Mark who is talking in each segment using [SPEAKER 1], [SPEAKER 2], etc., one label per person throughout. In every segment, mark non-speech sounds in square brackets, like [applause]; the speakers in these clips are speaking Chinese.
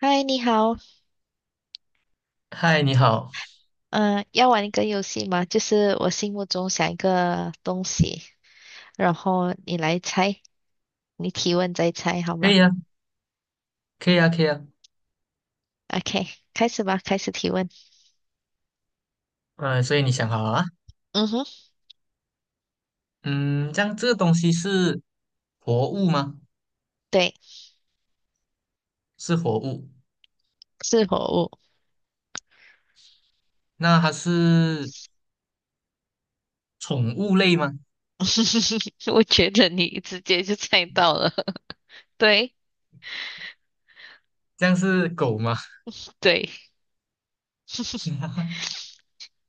[SPEAKER 1] 嗨，你好，
[SPEAKER 2] 嗨，你好。
[SPEAKER 1] 嗯、要玩一个游戏吗？就是我心目中想一个东西，然后你来猜，你提问再猜，好
[SPEAKER 2] 可
[SPEAKER 1] 吗
[SPEAKER 2] 以啊，可以啊，可以啊。
[SPEAKER 1] ？OK，开始吧，开始提问。
[SPEAKER 2] 嗯、所以你想好了啊？
[SPEAKER 1] 嗯哼，
[SPEAKER 2] 嗯，这样这个东西是活物吗？
[SPEAKER 1] 对，
[SPEAKER 2] 是活物。
[SPEAKER 1] 是活物。
[SPEAKER 2] 那它是宠物类吗？
[SPEAKER 1] [laughs] 我觉得你直接就猜到了，[laughs] 对
[SPEAKER 2] 这样是狗吗？
[SPEAKER 1] 对，[laughs]
[SPEAKER 2] [laughs]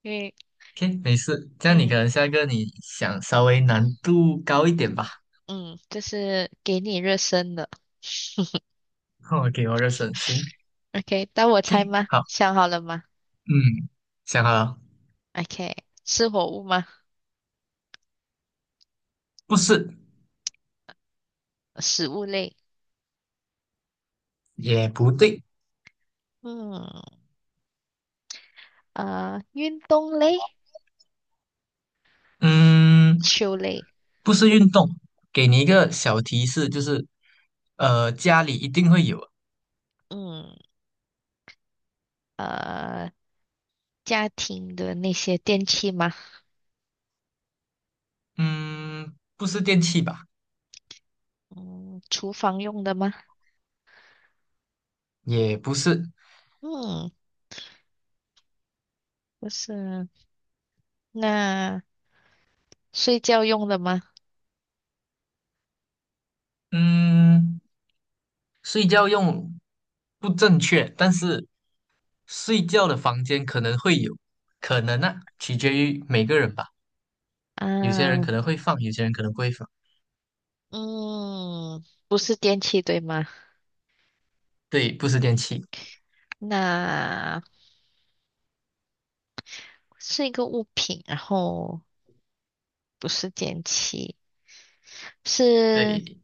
[SPEAKER 1] 因为
[SPEAKER 2] ？OK，没事。这样你可
[SPEAKER 1] 嗯
[SPEAKER 2] 能下一个你想稍微难度高一点吧。
[SPEAKER 1] 嗯，就是给你热身的。[laughs]
[SPEAKER 2] [laughs] o 给我个省心。
[SPEAKER 1] OK，当我
[SPEAKER 2] o
[SPEAKER 1] 猜
[SPEAKER 2] k
[SPEAKER 1] 吗？
[SPEAKER 2] 好，
[SPEAKER 1] 想好了吗
[SPEAKER 2] 嗯，想好了。
[SPEAKER 1] ？OK，是活物吗？
[SPEAKER 2] 不是，
[SPEAKER 1] 食物类。
[SPEAKER 2] 也不对。
[SPEAKER 1] 嗯运动类、
[SPEAKER 2] 嗯，
[SPEAKER 1] 球类，
[SPEAKER 2] 不是运动。给你一个小提示，就是家里一定会有。
[SPEAKER 1] 嗯呃，家庭的那些电器吗？
[SPEAKER 2] 嗯，不是电器吧？
[SPEAKER 1] 嗯，厨房用的吗？
[SPEAKER 2] 也不是。
[SPEAKER 1] 嗯不是，那睡觉用的吗？
[SPEAKER 2] 嗯，睡觉用不正确，但是睡觉的房间可能会有。可能,取决于每个人吧。有些人
[SPEAKER 1] 啊，
[SPEAKER 2] 可能会放，有些人可能不会放。
[SPEAKER 1] 嗯，不是电器对吗？
[SPEAKER 2] 对，不是电器。
[SPEAKER 1] 那是一个物品，然后不是电器，是
[SPEAKER 2] 对。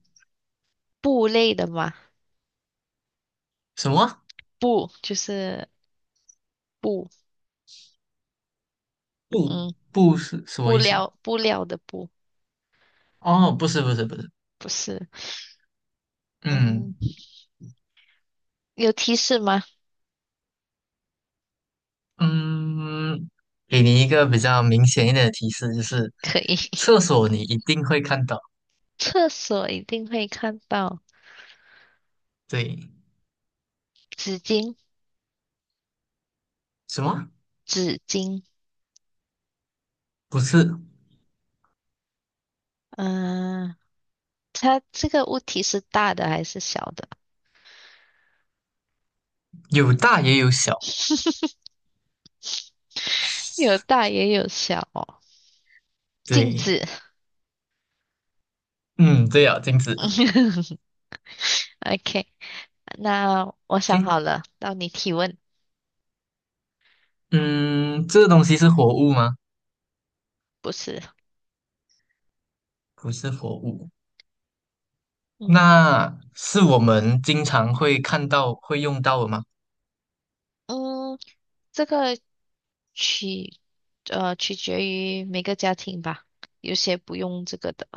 [SPEAKER 1] 布类的吗？
[SPEAKER 2] 什么？
[SPEAKER 1] 布就是布，
[SPEAKER 2] 不，
[SPEAKER 1] 嗯，
[SPEAKER 2] 不是什么
[SPEAKER 1] 布
[SPEAKER 2] 意思？
[SPEAKER 1] 料布料的布，
[SPEAKER 2] 哦，不是，不是，不是。
[SPEAKER 1] 不是，
[SPEAKER 2] 嗯。
[SPEAKER 1] 嗯。有提示吗？[laughs]
[SPEAKER 2] 嗯，给你一个比较明显一点的提示，就是
[SPEAKER 1] 可以，
[SPEAKER 2] 厕
[SPEAKER 1] [laughs]
[SPEAKER 2] 所你一定会看到。
[SPEAKER 1] 厕所一定会看到
[SPEAKER 2] 对。
[SPEAKER 1] 纸巾，
[SPEAKER 2] 什么？
[SPEAKER 1] 纸巾。
[SPEAKER 2] 不是。
[SPEAKER 1] 嗯、它这个物体是大的还是小的？
[SPEAKER 2] 有大也有小。
[SPEAKER 1] [laughs] 有大也有小哦。镜
[SPEAKER 2] 对，
[SPEAKER 1] 子。
[SPEAKER 2] 嗯，对啊，镜子。
[SPEAKER 1] [laughs] OK，那我想
[SPEAKER 2] OK。
[SPEAKER 1] 好了，到你提问。
[SPEAKER 2] 嗯，这个东西是活物吗？
[SPEAKER 1] 不是，
[SPEAKER 2] 不是活物。
[SPEAKER 1] 嗯
[SPEAKER 2] 那是我们经常会看到、会用到的吗？
[SPEAKER 1] 嗯，这个取取决于每个家庭吧，有些不用这个的。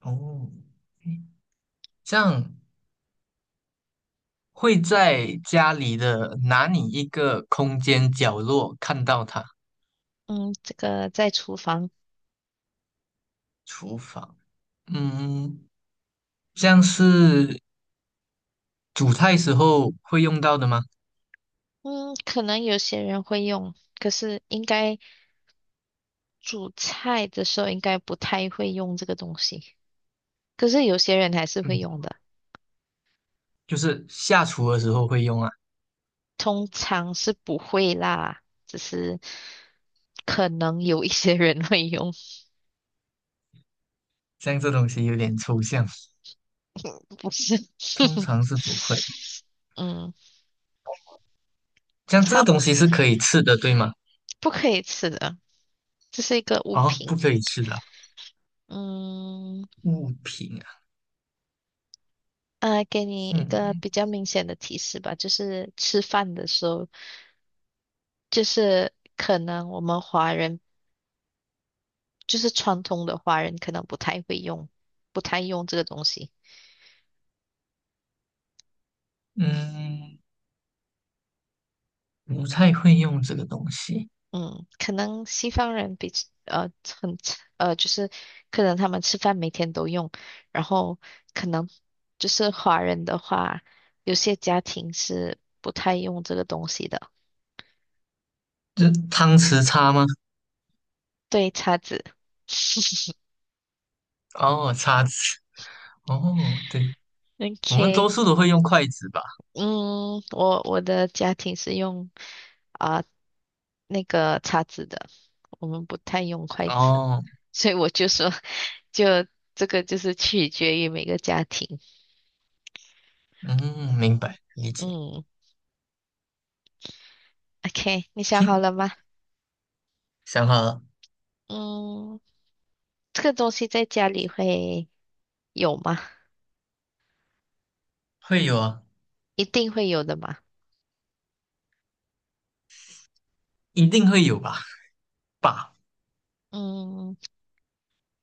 [SPEAKER 2] 哦，OK。这样会在家里的哪里一个空间角落看到它？
[SPEAKER 1] 嗯，这个在厨房，
[SPEAKER 2] 厨房。嗯。像是煮菜时候会用到的吗？
[SPEAKER 1] 嗯，可能有些人会用，可是应该煮菜的时候应该不太会用这个东西。可是有些人还是
[SPEAKER 2] 嗯，
[SPEAKER 1] 会用的，
[SPEAKER 2] 就是下厨的时候会用啊。
[SPEAKER 1] 通常是不会啦，只是可能有一些人会用，
[SPEAKER 2] 像这东西有点抽象，
[SPEAKER 1] 不是。
[SPEAKER 2] 通
[SPEAKER 1] [laughs]
[SPEAKER 2] 常是不会。
[SPEAKER 1] 嗯，
[SPEAKER 2] 像这个
[SPEAKER 1] 操，
[SPEAKER 2] 东西是可以吃的，对吗？
[SPEAKER 1] 不可以吃的，这是一个物
[SPEAKER 2] 哦，不
[SPEAKER 1] 品。
[SPEAKER 2] 可以吃的啊，
[SPEAKER 1] 嗯，
[SPEAKER 2] 物品啊。
[SPEAKER 1] 给你一个
[SPEAKER 2] 嗯
[SPEAKER 1] 比较明显的提示吧，就是吃饭的时候，就是。可能我们华人。就是传统的华人可能不太会用，不太用这个东西。
[SPEAKER 2] 嗯，不太会用这个东西。
[SPEAKER 1] 嗯，可能西方人比呃很就是可能他们吃饭每天都用，然后可能就是华人的话，有些家庭是不太用这个东西的。
[SPEAKER 2] 这汤匙叉吗？
[SPEAKER 1] 对，叉子。[laughs]
[SPEAKER 2] 哦，叉子。哦，对。我们多
[SPEAKER 1] OK，
[SPEAKER 2] 数都会用筷子吧？
[SPEAKER 1] 嗯，我的家庭是用啊、那个叉子的，我们不太用筷子。
[SPEAKER 2] 哦。
[SPEAKER 1] 所以我就说，就这个就是取决于每个家庭。
[SPEAKER 2] 嗯，明白，理解。
[SPEAKER 1] 嗯，OK，你想
[SPEAKER 2] o
[SPEAKER 1] 好了吗？
[SPEAKER 2] 想好了。
[SPEAKER 1] 嗯，这个东西在家里会有吗？
[SPEAKER 2] 会有啊。
[SPEAKER 1] 一定会有的嘛。
[SPEAKER 2] 一定会有吧？吧。
[SPEAKER 1] 嗯，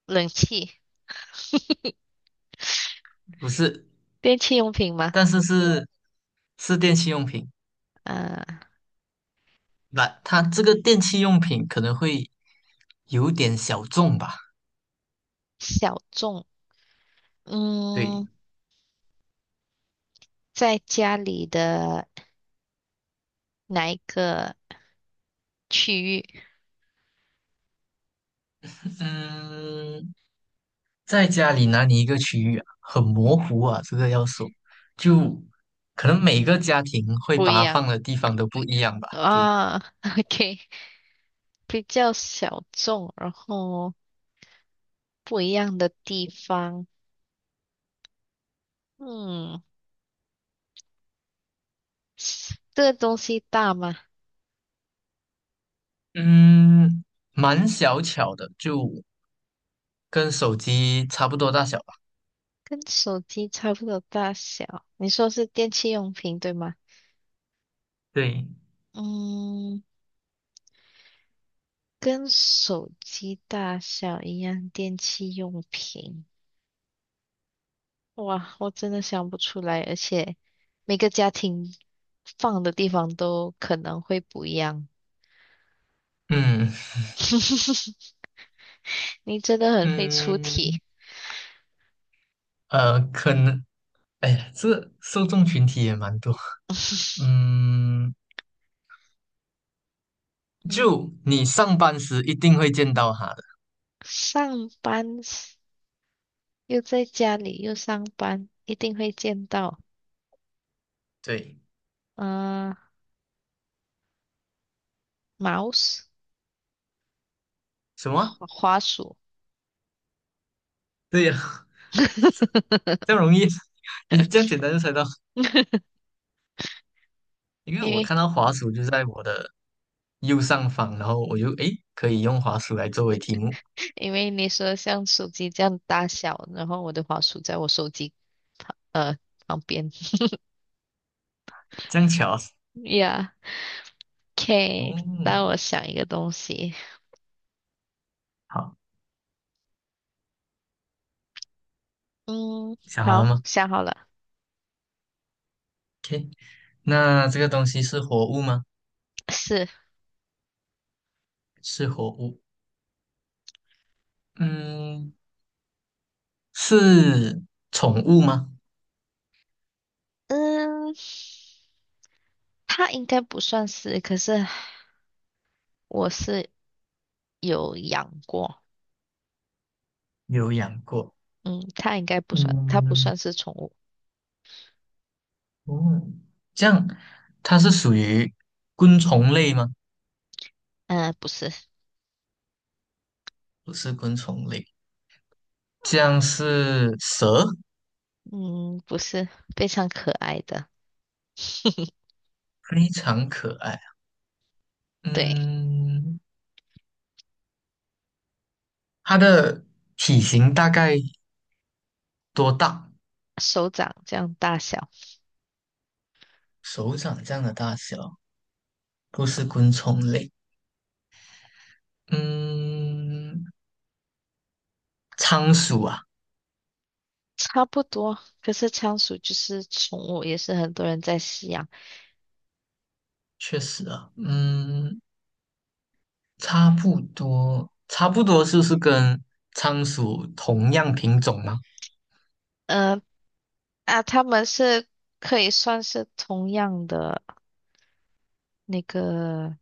[SPEAKER 1] 冷气、
[SPEAKER 2] 不是。
[SPEAKER 1] 电器用品吗？
[SPEAKER 2] 但是是电器用品。
[SPEAKER 1] 啊，
[SPEAKER 2] 那它这个电器用品可能会有点小众吧？
[SPEAKER 1] 小众。
[SPEAKER 2] 对。
[SPEAKER 1] 嗯，在家里的哪一个区域？
[SPEAKER 2] 嗯，在家里哪里一个区域啊？很
[SPEAKER 1] 嗯，
[SPEAKER 2] 模糊啊，这个要说，就可能每个家庭会
[SPEAKER 1] 不
[SPEAKER 2] 把
[SPEAKER 1] 一
[SPEAKER 2] 它
[SPEAKER 1] 样
[SPEAKER 2] 放的地方都不一样吧？对。
[SPEAKER 1] 啊。[laughs] OK，比较小众，然后不一样的地方。嗯。这个东西大吗？
[SPEAKER 2] 嗯，蛮小巧的，就跟手机差不多大小吧？
[SPEAKER 1] 跟手机差不多大小。你说是电器用品，对吗？
[SPEAKER 2] 对。
[SPEAKER 1] 嗯，跟手机大小一样，电器用品。哇，我真的想不出来，而且每个家庭放的地方都可能会不一样。
[SPEAKER 2] 嗯
[SPEAKER 1] [laughs] 你真的很会出题。
[SPEAKER 2] 嗯，可能。哎呀，这受众群体也蛮多。嗯，
[SPEAKER 1] 嗯，
[SPEAKER 2] 就你上班时一定会见到它的。
[SPEAKER 1] 上班时又在家里又上班，一定会见到。
[SPEAKER 2] 对。
[SPEAKER 1] 嗯、呃，mouse
[SPEAKER 2] 什么？
[SPEAKER 1] 花花鼠，
[SPEAKER 2] 对呀。[laughs] 这样
[SPEAKER 1] [laughs]
[SPEAKER 2] 容易。[laughs] 你这样简单就猜到。因为
[SPEAKER 1] 因
[SPEAKER 2] 我
[SPEAKER 1] 为
[SPEAKER 2] 看到滑鼠就在我的右上方，然后我就诶可以用滑鼠来作为题目。
[SPEAKER 1] 因为你说像手机这样大小，然后我的花鼠在我手机呃旁边。
[SPEAKER 2] 这样巧啊。
[SPEAKER 1] Yeah，OK，让
[SPEAKER 2] 哦，
[SPEAKER 1] 我想一个东西。
[SPEAKER 2] 好，
[SPEAKER 1] 嗯，
[SPEAKER 2] 想好
[SPEAKER 1] 好，
[SPEAKER 2] 了吗？
[SPEAKER 1] 想好了，
[SPEAKER 2] 那这个东西是活物吗？
[SPEAKER 1] 是，
[SPEAKER 2] 是活物。嗯，是宠物吗？
[SPEAKER 1] 嗯，它应该不算是，可是我是有养过。
[SPEAKER 2] 有养过。
[SPEAKER 1] 嗯，它应该不算，它不算
[SPEAKER 2] 嗯，
[SPEAKER 1] 是宠物。
[SPEAKER 2] 哦，这样它是属于昆虫类吗？
[SPEAKER 1] 嗯、不是，
[SPEAKER 2] 不是昆虫类。这样是蛇，
[SPEAKER 1] 嗯，不是，非常可爱的。[laughs]
[SPEAKER 2] 非常可爱。
[SPEAKER 1] 对。
[SPEAKER 2] 嗯，它的体型大概多大？
[SPEAKER 1] 手掌这样大小，
[SPEAKER 2] 手掌这样的大小。不是昆虫类。嗯，仓鼠啊。
[SPEAKER 1] 差不多。可是仓鼠就是宠物，也是很多人在饲养。
[SPEAKER 2] 确实啊。嗯差不多，差不多是不是跟仓鼠同样品种吗？
[SPEAKER 1] 嗯、它们是可以算是同样的那个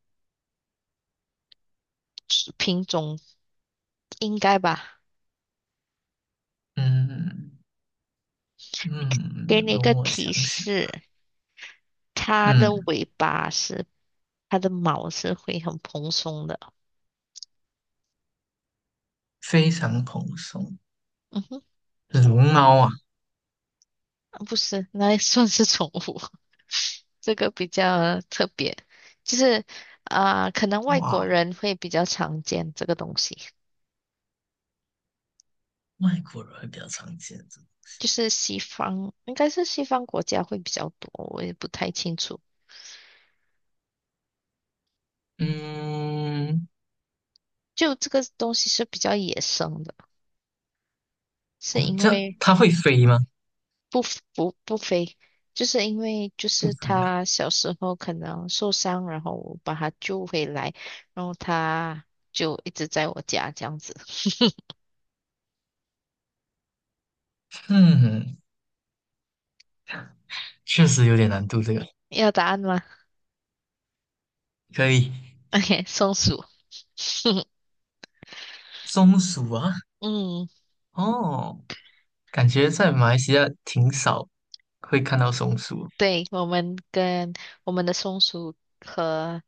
[SPEAKER 1] 品种，应该吧？
[SPEAKER 2] 嗯
[SPEAKER 1] 给
[SPEAKER 2] 嗯，
[SPEAKER 1] 你一个
[SPEAKER 2] 容我
[SPEAKER 1] 提
[SPEAKER 2] 想想。
[SPEAKER 1] 示，它的
[SPEAKER 2] 嗯，
[SPEAKER 1] 尾巴是，它的毛是会很蓬松的。
[SPEAKER 2] 非常蓬松。
[SPEAKER 1] 嗯哼，
[SPEAKER 2] 龙猫啊。
[SPEAKER 1] 不是，那也算是宠物。[laughs] 这个比较特别，就是可能外
[SPEAKER 2] 哇，
[SPEAKER 1] 国人会比较常见这个东西。
[SPEAKER 2] 外国人会比较常见的。
[SPEAKER 1] 就是西方，应该是西方国家会比较多，我也不太清楚。
[SPEAKER 2] 嗯，
[SPEAKER 1] 就这个东西是比较野生的，是
[SPEAKER 2] 哦，
[SPEAKER 1] 因
[SPEAKER 2] 这样
[SPEAKER 1] 为
[SPEAKER 2] 它会飞吗？
[SPEAKER 1] 不不飞，就是因为就
[SPEAKER 2] 不
[SPEAKER 1] 是
[SPEAKER 2] 飞啊。
[SPEAKER 1] 他小时候可能受伤，然后我把他救回来，然后他就一直在我家这样子。[laughs]
[SPEAKER 2] 嗯，确实有点难度，这个
[SPEAKER 1] 要答案吗
[SPEAKER 2] 可以。
[SPEAKER 1] ？OK，松鼠。[laughs]
[SPEAKER 2] 松鼠啊。
[SPEAKER 1] 嗯，
[SPEAKER 2] 哦，感觉在马来西亚挺少会看到松鼠。
[SPEAKER 1] 对，我们跟我们的松鼠和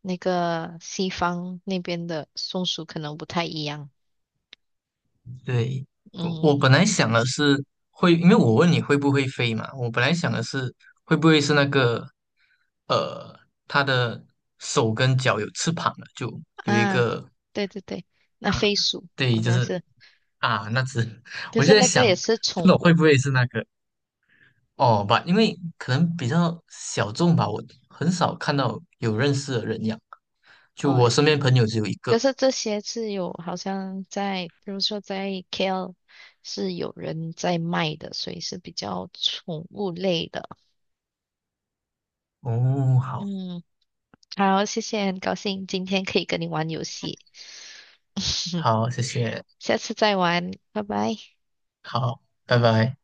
[SPEAKER 1] 那个西方那边的松鼠可能不太一样。
[SPEAKER 2] 对。我
[SPEAKER 1] 嗯
[SPEAKER 2] 我本来想的是会，因为我问你会不会飞嘛，我本来想的是会不会是那个，呃，它的手跟脚有翅膀了，就有一
[SPEAKER 1] 啊，
[SPEAKER 2] 个
[SPEAKER 1] 对对对，那
[SPEAKER 2] 啊，
[SPEAKER 1] 飞鼠好
[SPEAKER 2] 对，就
[SPEAKER 1] 像
[SPEAKER 2] 是
[SPEAKER 1] 是，
[SPEAKER 2] 啊那只。[laughs]
[SPEAKER 1] 可
[SPEAKER 2] 我就
[SPEAKER 1] 是
[SPEAKER 2] 在
[SPEAKER 1] 那个
[SPEAKER 2] 想，
[SPEAKER 1] 也是
[SPEAKER 2] 不
[SPEAKER 1] 宠
[SPEAKER 2] 懂会
[SPEAKER 1] 物，
[SPEAKER 2] 不会是那个哦吧，因为可能比较小众吧，我很少看到有认识的人养，就
[SPEAKER 1] 哦。
[SPEAKER 2] 我身边朋友只有一
[SPEAKER 1] 可
[SPEAKER 2] 个。
[SPEAKER 1] 是这些是有好像在，比如说在 KL 是有人在卖的，所以是比较宠物类的。
[SPEAKER 2] 哦，好。
[SPEAKER 1] 嗯，好，谢谢，很高兴今天可以跟你玩游戏，[laughs]
[SPEAKER 2] 好，谢谢。
[SPEAKER 1] 下次再玩，拜拜。
[SPEAKER 2] 好，拜拜。